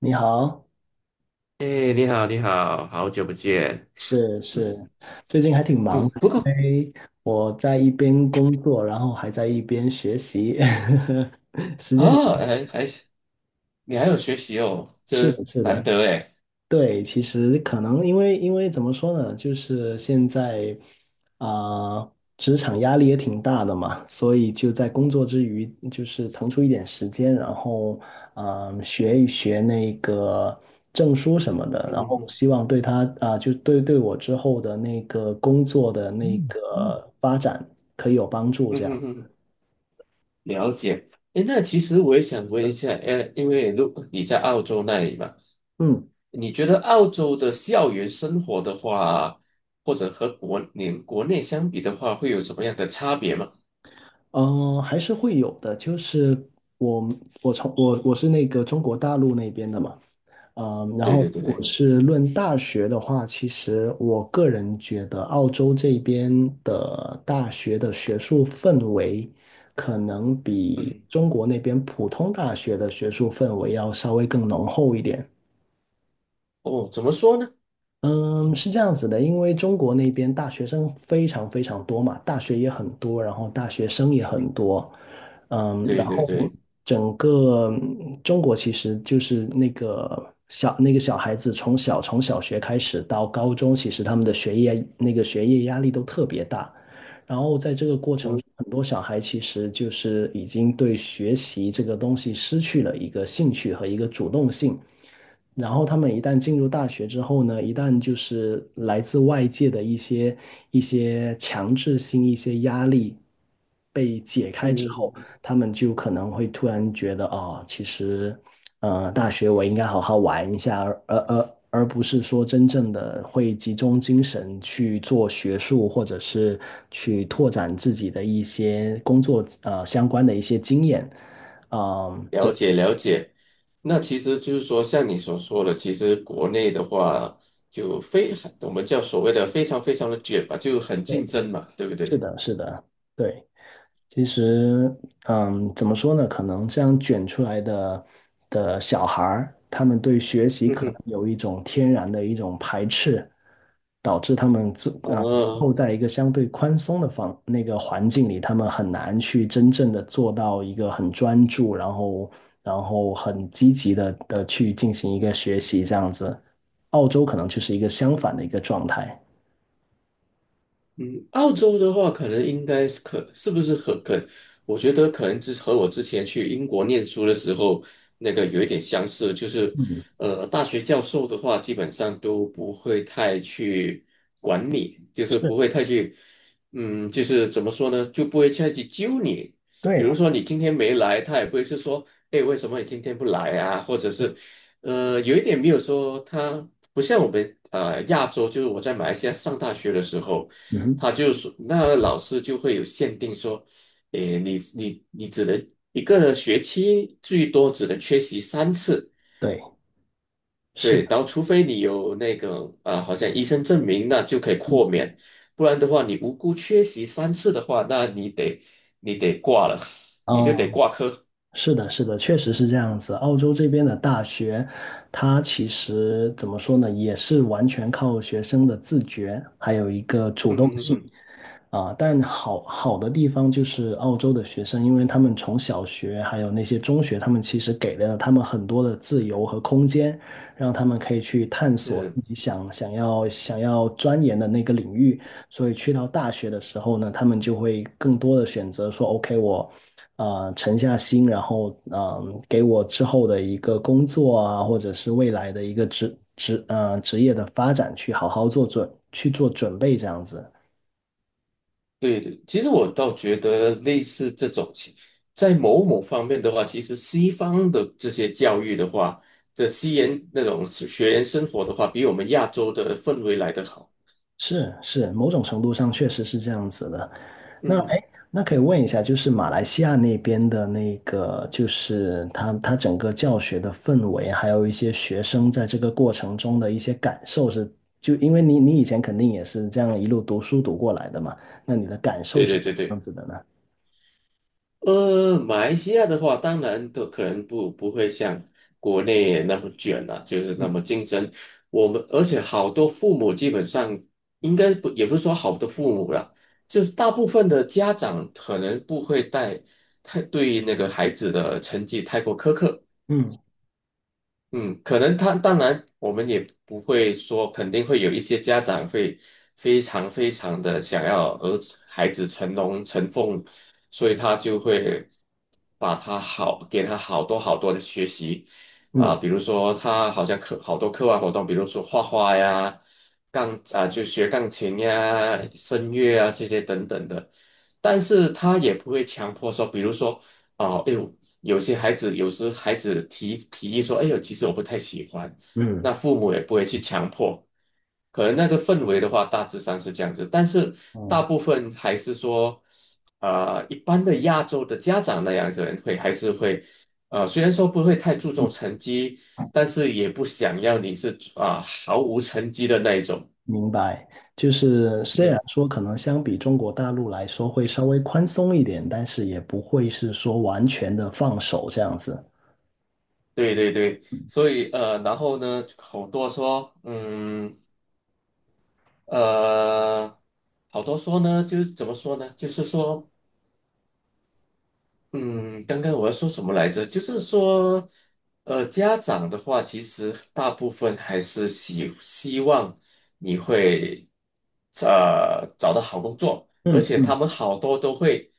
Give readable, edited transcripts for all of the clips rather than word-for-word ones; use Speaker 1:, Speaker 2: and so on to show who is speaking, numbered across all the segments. Speaker 1: 你好。
Speaker 2: 哎，你好，你好，好久不见。
Speaker 1: 是是，最近还挺忙
Speaker 2: 嗯，
Speaker 1: 的，
Speaker 2: 不
Speaker 1: 因
Speaker 2: 过
Speaker 1: 为我在一边工作，然后还在一边学习，时间
Speaker 2: 啊，还你还有学习哦，
Speaker 1: 是
Speaker 2: 这
Speaker 1: 的，是
Speaker 2: 难
Speaker 1: 的。
Speaker 2: 得哎。
Speaker 1: 对，其实可能因为怎么说呢，就是现在职场压力也挺大的嘛，所以就在工作之余，就是腾出一点时间，然后学一学那个证书什么的，
Speaker 2: 嗯
Speaker 1: 然
Speaker 2: 哼
Speaker 1: 后
Speaker 2: 哼。
Speaker 1: 希望对他就对我之后的那个工作的那个发展可以有帮助，
Speaker 2: 嗯
Speaker 1: 这
Speaker 2: 哼
Speaker 1: 样。
Speaker 2: 哼。了解。哎，那其实我也想问一下，因为如你在澳洲那里嘛，
Speaker 1: 嗯。
Speaker 2: 你觉得澳洲的校园生活的话，或者和国你国内相比的话，会有什么样的差别吗？
Speaker 1: 嗯，还是会有的，就是我我从我我是那个中国大陆那边的嘛。嗯，然
Speaker 2: 对
Speaker 1: 后
Speaker 2: 对对
Speaker 1: 如果
Speaker 2: 对。
Speaker 1: 是论大学的话，其实我个人觉得澳洲这边的大学的学术氛围，可能比
Speaker 2: 嗯。
Speaker 1: 中国那边普通大学的学术氛围要稍微更浓厚一点。
Speaker 2: 哦，怎么说呢？
Speaker 1: 嗯，是这样子的，因为中国那边大学生非常非常多嘛，大学也很多，然后大学生也很多。嗯，然
Speaker 2: 对对
Speaker 1: 后
Speaker 2: 对。
Speaker 1: 整个中国其实就是那个小孩子从小从小学开始到高中，其实他们的学业压力都特别大，
Speaker 2: 嗯
Speaker 1: 很多小孩其实就是已经对学习这个东西失去了一个兴趣和一个主动性。然后他们一旦进入大学之后呢，一旦就是来自外界的一些强制性、一些压力被解开之后，
Speaker 2: 嗯。
Speaker 1: 他们就可能会突然觉得，哦，其实，大学我应该好好玩一下，而不是说真正的会集中精神去做学术，或者是去拓展自己的一些工作相关的一些经验。嗯，对，
Speaker 2: 了解了解，那其实就是说，像你所说的，其实国内的话就非我们叫所谓的非常非常的卷吧，就很竞争嘛，对不
Speaker 1: 是
Speaker 2: 对？
Speaker 1: 的，是的，对。其实，嗯，怎么说呢？可能这样卷出来的小孩儿，他们对学习
Speaker 2: 嗯
Speaker 1: 可能
Speaker 2: 哼。
Speaker 1: 有一种天然的一种排斥，导致他们
Speaker 2: 哦。
Speaker 1: 后在一个相对宽松的那个环境里，他们很难去真正的做到一个很专注，然后很积极的去进行一个学习这样子。澳洲可能就是一个相反的一个状态。
Speaker 2: 嗯，澳洲的话，可能应该是可是不是和可，我觉得可能之和我之前去英国念书的时候那个有一点相似，就是
Speaker 1: 嗯，
Speaker 2: 大学教授的话，基本上都不会太去管你，就是
Speaker 1: 是，
Speaker 2: 不会太去，嗯，就是怎么说呢，就不会太去揪你。比如
Speaker 1: 对，
Speaker 2: 说你今天没来，他也不会是说，哎，为什么你今天不来啊？或者是，有一点没有说他不像我们亚洲，就是我在马来西亚上大学的时候。
Speaker 1: 嗯，
Speaker 2: 他就说，那老师就会有限定说，诶，你只能一个学期最多只能缺席三次，
Speaker 1: 对，是
Speaker 2: 对，然
Speaker 1: 的，
Speaker 2: 后除非你有那个啊，好像医生证明，那就可以
Speaker 1: 嗯，
Speaker 2: 豁免，不然的话，你无辜缺席三次的话，那你得挂了，
Speaker 1: 啊。
Speaker 2: 你就得挂科。
Speaker 1: 是的，是的，确实是这样子。澳洲这边的大学，它其实怎么说呢，也是完全靠学生的自觉，还有一个主
Speaker 2: 嗯
Speaker 1: 动
Speaker 2: 哼哼
Speaker 1: 性。
Speaker 2: 哼。
Speaker 1: 啊，但好的地方就是澳洲的学生，因为他们从小学还有那些中学，他们其实给了他们很多的自由和空间，让他们可以去探索
Speaker 2: 是。
Speaker 1: 自己想要钻研的那个领域。所以去到大学的时候呢，他们就会更多的选择说，OK,我沉下心，然后给我之后的一个工作啊，或者是未来的一个职业的发展去好好去做准备这样子。
Speaker 2: 对对，其实我倒觉得类似这种情，在某某方面的话，其实西方的这些教育的话，这西研那种学员生活的话，比我们亚洲的氛围来得好。
Speaker 1: 是是，某种程度上确实是这样子的。
Speaker 2: 嗯。
Speaker 1: 哎，那可以问一下，就是马来西亚那边的那个，就是他整个教学的氛围，还有一些学生在这个过程中的一些感受是，就因为你以前肯定也是这样一路读书读过来的嘛，那你的感受
Speaker 2: 对
Speaker 1: 是
Speaker 2: 对
Speaker 1: 什
Speaker 2: 对
Speaker 1: 么样
Speaker 2: 对。
Speaker 1: 子的呢？
Speaker 2: 马来西亚的话，当然都可能不会像国内那么卷了、就是那么
Speaker 1: 嗯，
Speaker 2: 竞争。我们而且好多父母基本上应该不，也不是说好多父母啦，就是大部分的家长可能不会带太对那个孩子的成绩太过苛刻。
Speaker 1: 嗯，
Speaker 2: 嗯，可能他当然，我们也不会说，肯定会有一些家长会非常非常的想要儿子孩子成龙成凤，所以他就会把他好给他好多好多的学习啊、
Speaker 1: 嗯，
Speaker 2: 比如说他好像课好多课外活动，比如说画画呀、钢啊、就学钢琴呀、声乐啊这些等等的，但是他也不会强迫说，比如说。哦，哎，有些孩子，有时孩子提议说：“哎呦，其实我不太喜欢。”
Speaker 1: 嗯。
Speaker 2: 那父母也不会去强迫，可能那个氛围的话，大致上是这样子。但是大
Speaker 1: 嗯
Speaker 2: 部分还是说，一般的亚洲的家长那样子人会还是会，虽然说不会太注重成绩，但是也不想要你是啊、毫无成绩的那一种。
Speaker 1: 明白，就是虽然
Speaker 2: 嗯。
Speaker 1: 说可能相比中国大陆来说会稍微宽松一点，但是也不会是说完全的放手这样子。
Speaker 2: 对对对，所以然后呢，好多说，嗯。呃，好多说呢，就是怎么说呢？就是说，嗯，刚刚我要说什么来着？就是说，家长的话，其实大部分还是希望你会，找到好工作，而
Speaker 1: 嗯，
Speaker 2: 且他
Speaker 1: 嗯，
Speaker 2: 们好多都会，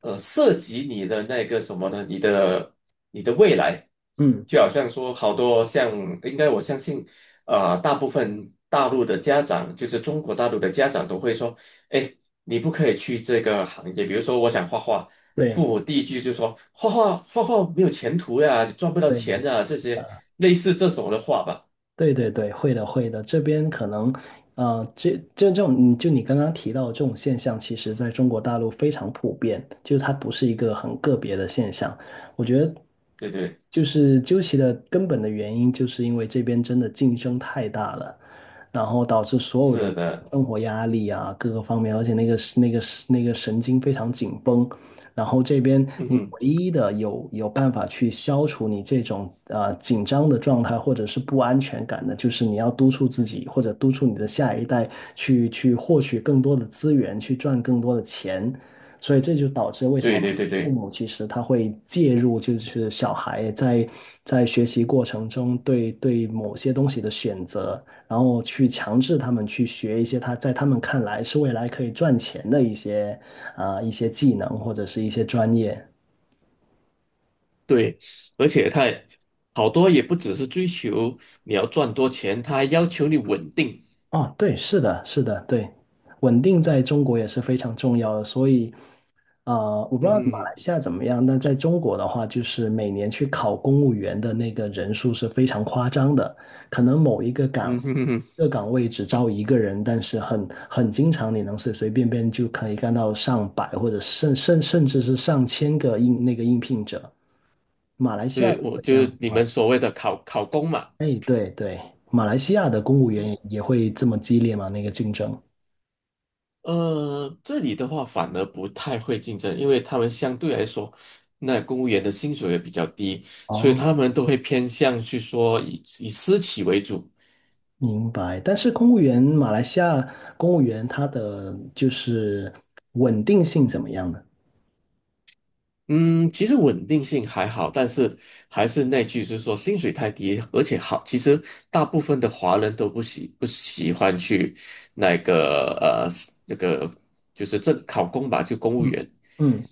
Speaker 2: 涉及你的那个什么呢？你的未来，
Speaker 1: 嗯，
Speaker 2: 就好像说，好多像，应该我相信，大部分大陆的家长，就是中国大陆的家长都会说，哎。你不可以去这个行业，比如说我想画画，
Speaker 1: 对
Speaker 2: 父母第一句就说画画没有前途呀，你赚不到
Speaker 1: 对，
Speaker 2: 钱啊。”这些类似这种的话吧。
Speaker 1: 对对对，会的会的，这边可能，呃，这这种，你刚刚提到的这种现象，其实在中国大陆非常普遍，就是它不是一个很个别的现象。我觉得，
Speaker 2: 对对，
Speaker 1: 就是究其的根本的原因，就是因为这边真的竞争太大了，然后导致所有人
Speaker 2: 是的，
Speaker 1: 生活压力啊，各个方面，而且那个神经非常紧绷，然后这边
Speaker 2: 嗯
Speaker 1: 你
Speaker 2: 哼，
Speaker 1: 唯一的有办法去消除你这种紧张的状态或者是不安全感的，就是你要督促自己或者督促你的下一代去获取更多的资源，去赚更多的钱。所以这就导致为什么
Speaker 2: 对对对
Speaker 1: 父
Speaker 2: 对
Speaker 1: 母其实他会介入，就是小孩在学习过程中对某些东西的选择，然后去强制他们去学一些他在他们看来是未来可以赚钱的一些技能或者是一些专业。
Speaker 2: 对，而且他也好多也不只是追求你要赚多钱，他还要求你稳定。
Speaker 1: 哦，对，是的，是的，对，稳定在中国也是非常重要的，所以。啊，我不知
Speaker 2: 嗯
Speaker 1: 道马来
Speaker 2: 哼。
Speaker 1: 西亚怎么样，那在中国的话，就是每年去考公务员的那个人数是非常夸张的，可能某一个岗，
Speaker 2: 嗯哼哼
Speaker 1: 一
Speaker 2: 哼。
Speaker 1: 个岗位只招一个人，但是很经常，你能随随便便就可以干到上百或者甚至是上千个应那个应聘者，
Speaker 2: 对，我
Speaker 1: 会这
Speaker 2: 就
Speaker 1: 样子
Speaker 2: 你
Speaker 1: 吗？
Speaker 2: 们所谓的考公嘛。
Speaker 1: 哎，对对，马来西亚的公务员也会这么激烈吗？那个竞争？
Speaker 2: 这里的话反而不太会竞争，因为他们相对来说，那公务员的薪水也比较低，所以
Speaker 1: 哦。
Speaker 2: 他们都会偏向去说以私企为主。
Speaker 1: 明白，但是公务员，马来西亚公务员他的就是稳定性怎么样呢？
Speaker 2: 嗯，其实稳定性还好，但是还是那句，就是说薪水太低，而且好，其实大部分的华人都不喜欢去那个这个就是正考公吧，就公务
Speaker 1: 嗯，
Speaker 2: 员。
Speaker 1: 嗯。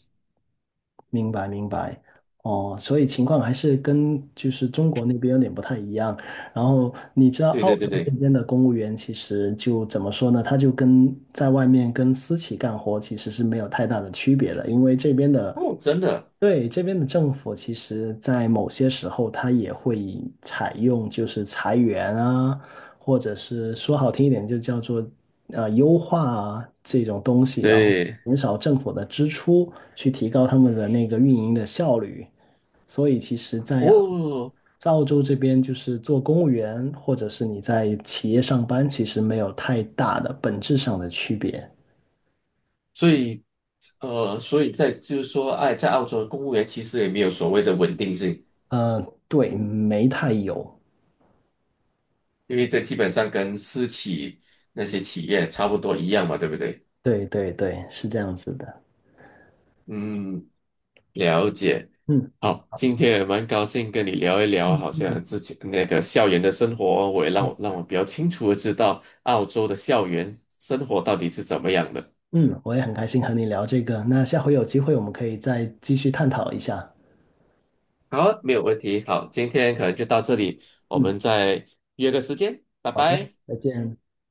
Speaker 1: 明白明白，哦，所以情况还是跟就是中国那边有点不太一样。然后你知道
Speaker 2: 对
Speaker 1: 澳
Speaker 2: 对对
Speaker 1: 洲这
Speaker 2: 对，
Speaker 1: 边的公务员其实就怎么说呢？他就跟在外面跟私企干活其实是没有太大的区别的，因为这边的，
Speaker 2: 哦，真的，
Speaker 1: 对，这边的政府其实在某些时候他也会采用就是裁员啊，或者是说好听一点就叫做优化啊这种东西，然后。
Speaker 2: 对。
Speaker 1: 减少政府的支出，去提高他们的那个运营的效率。所以其实
Speaker 2: 哦，
Speaker 1: 在，澳洲这边，就是做公务员或者是你在企业上班，其实没有太大的本质上的区别。
Speaker 2: 所以，所以在就是说，哎，在澳洲的公务员其实也没有所谓的稳定性，
Speaker 1: 嗯，对，没太有。
Speaker 2: 因为这基本上跟私企那些企业差不多一样嘛，对不对？
Speaker 1: 对对对，是这样子的。
Speaker 2: 嗯，了解。
Speaker 1: 嗯，
Speaker 2: 好，今天也蛮高兴跟你聊一聊，好像之前那个校园的生活，我也让我比较清楚的知道澳洲的校园生活到底是怎么样的。
Speaker 1: 嗯，我也很开心和你聊这个。那下回有机会我们可以再继续探讨一下。
Speaker 2: 好，没有问题。好，今天可能就到这里，我
Speaker 1: 嗯，
Speaker 2: 们再约个时间，拜
Speaker 1: 好的，
Speaker 2: 拜。
Speaker 1: 再见。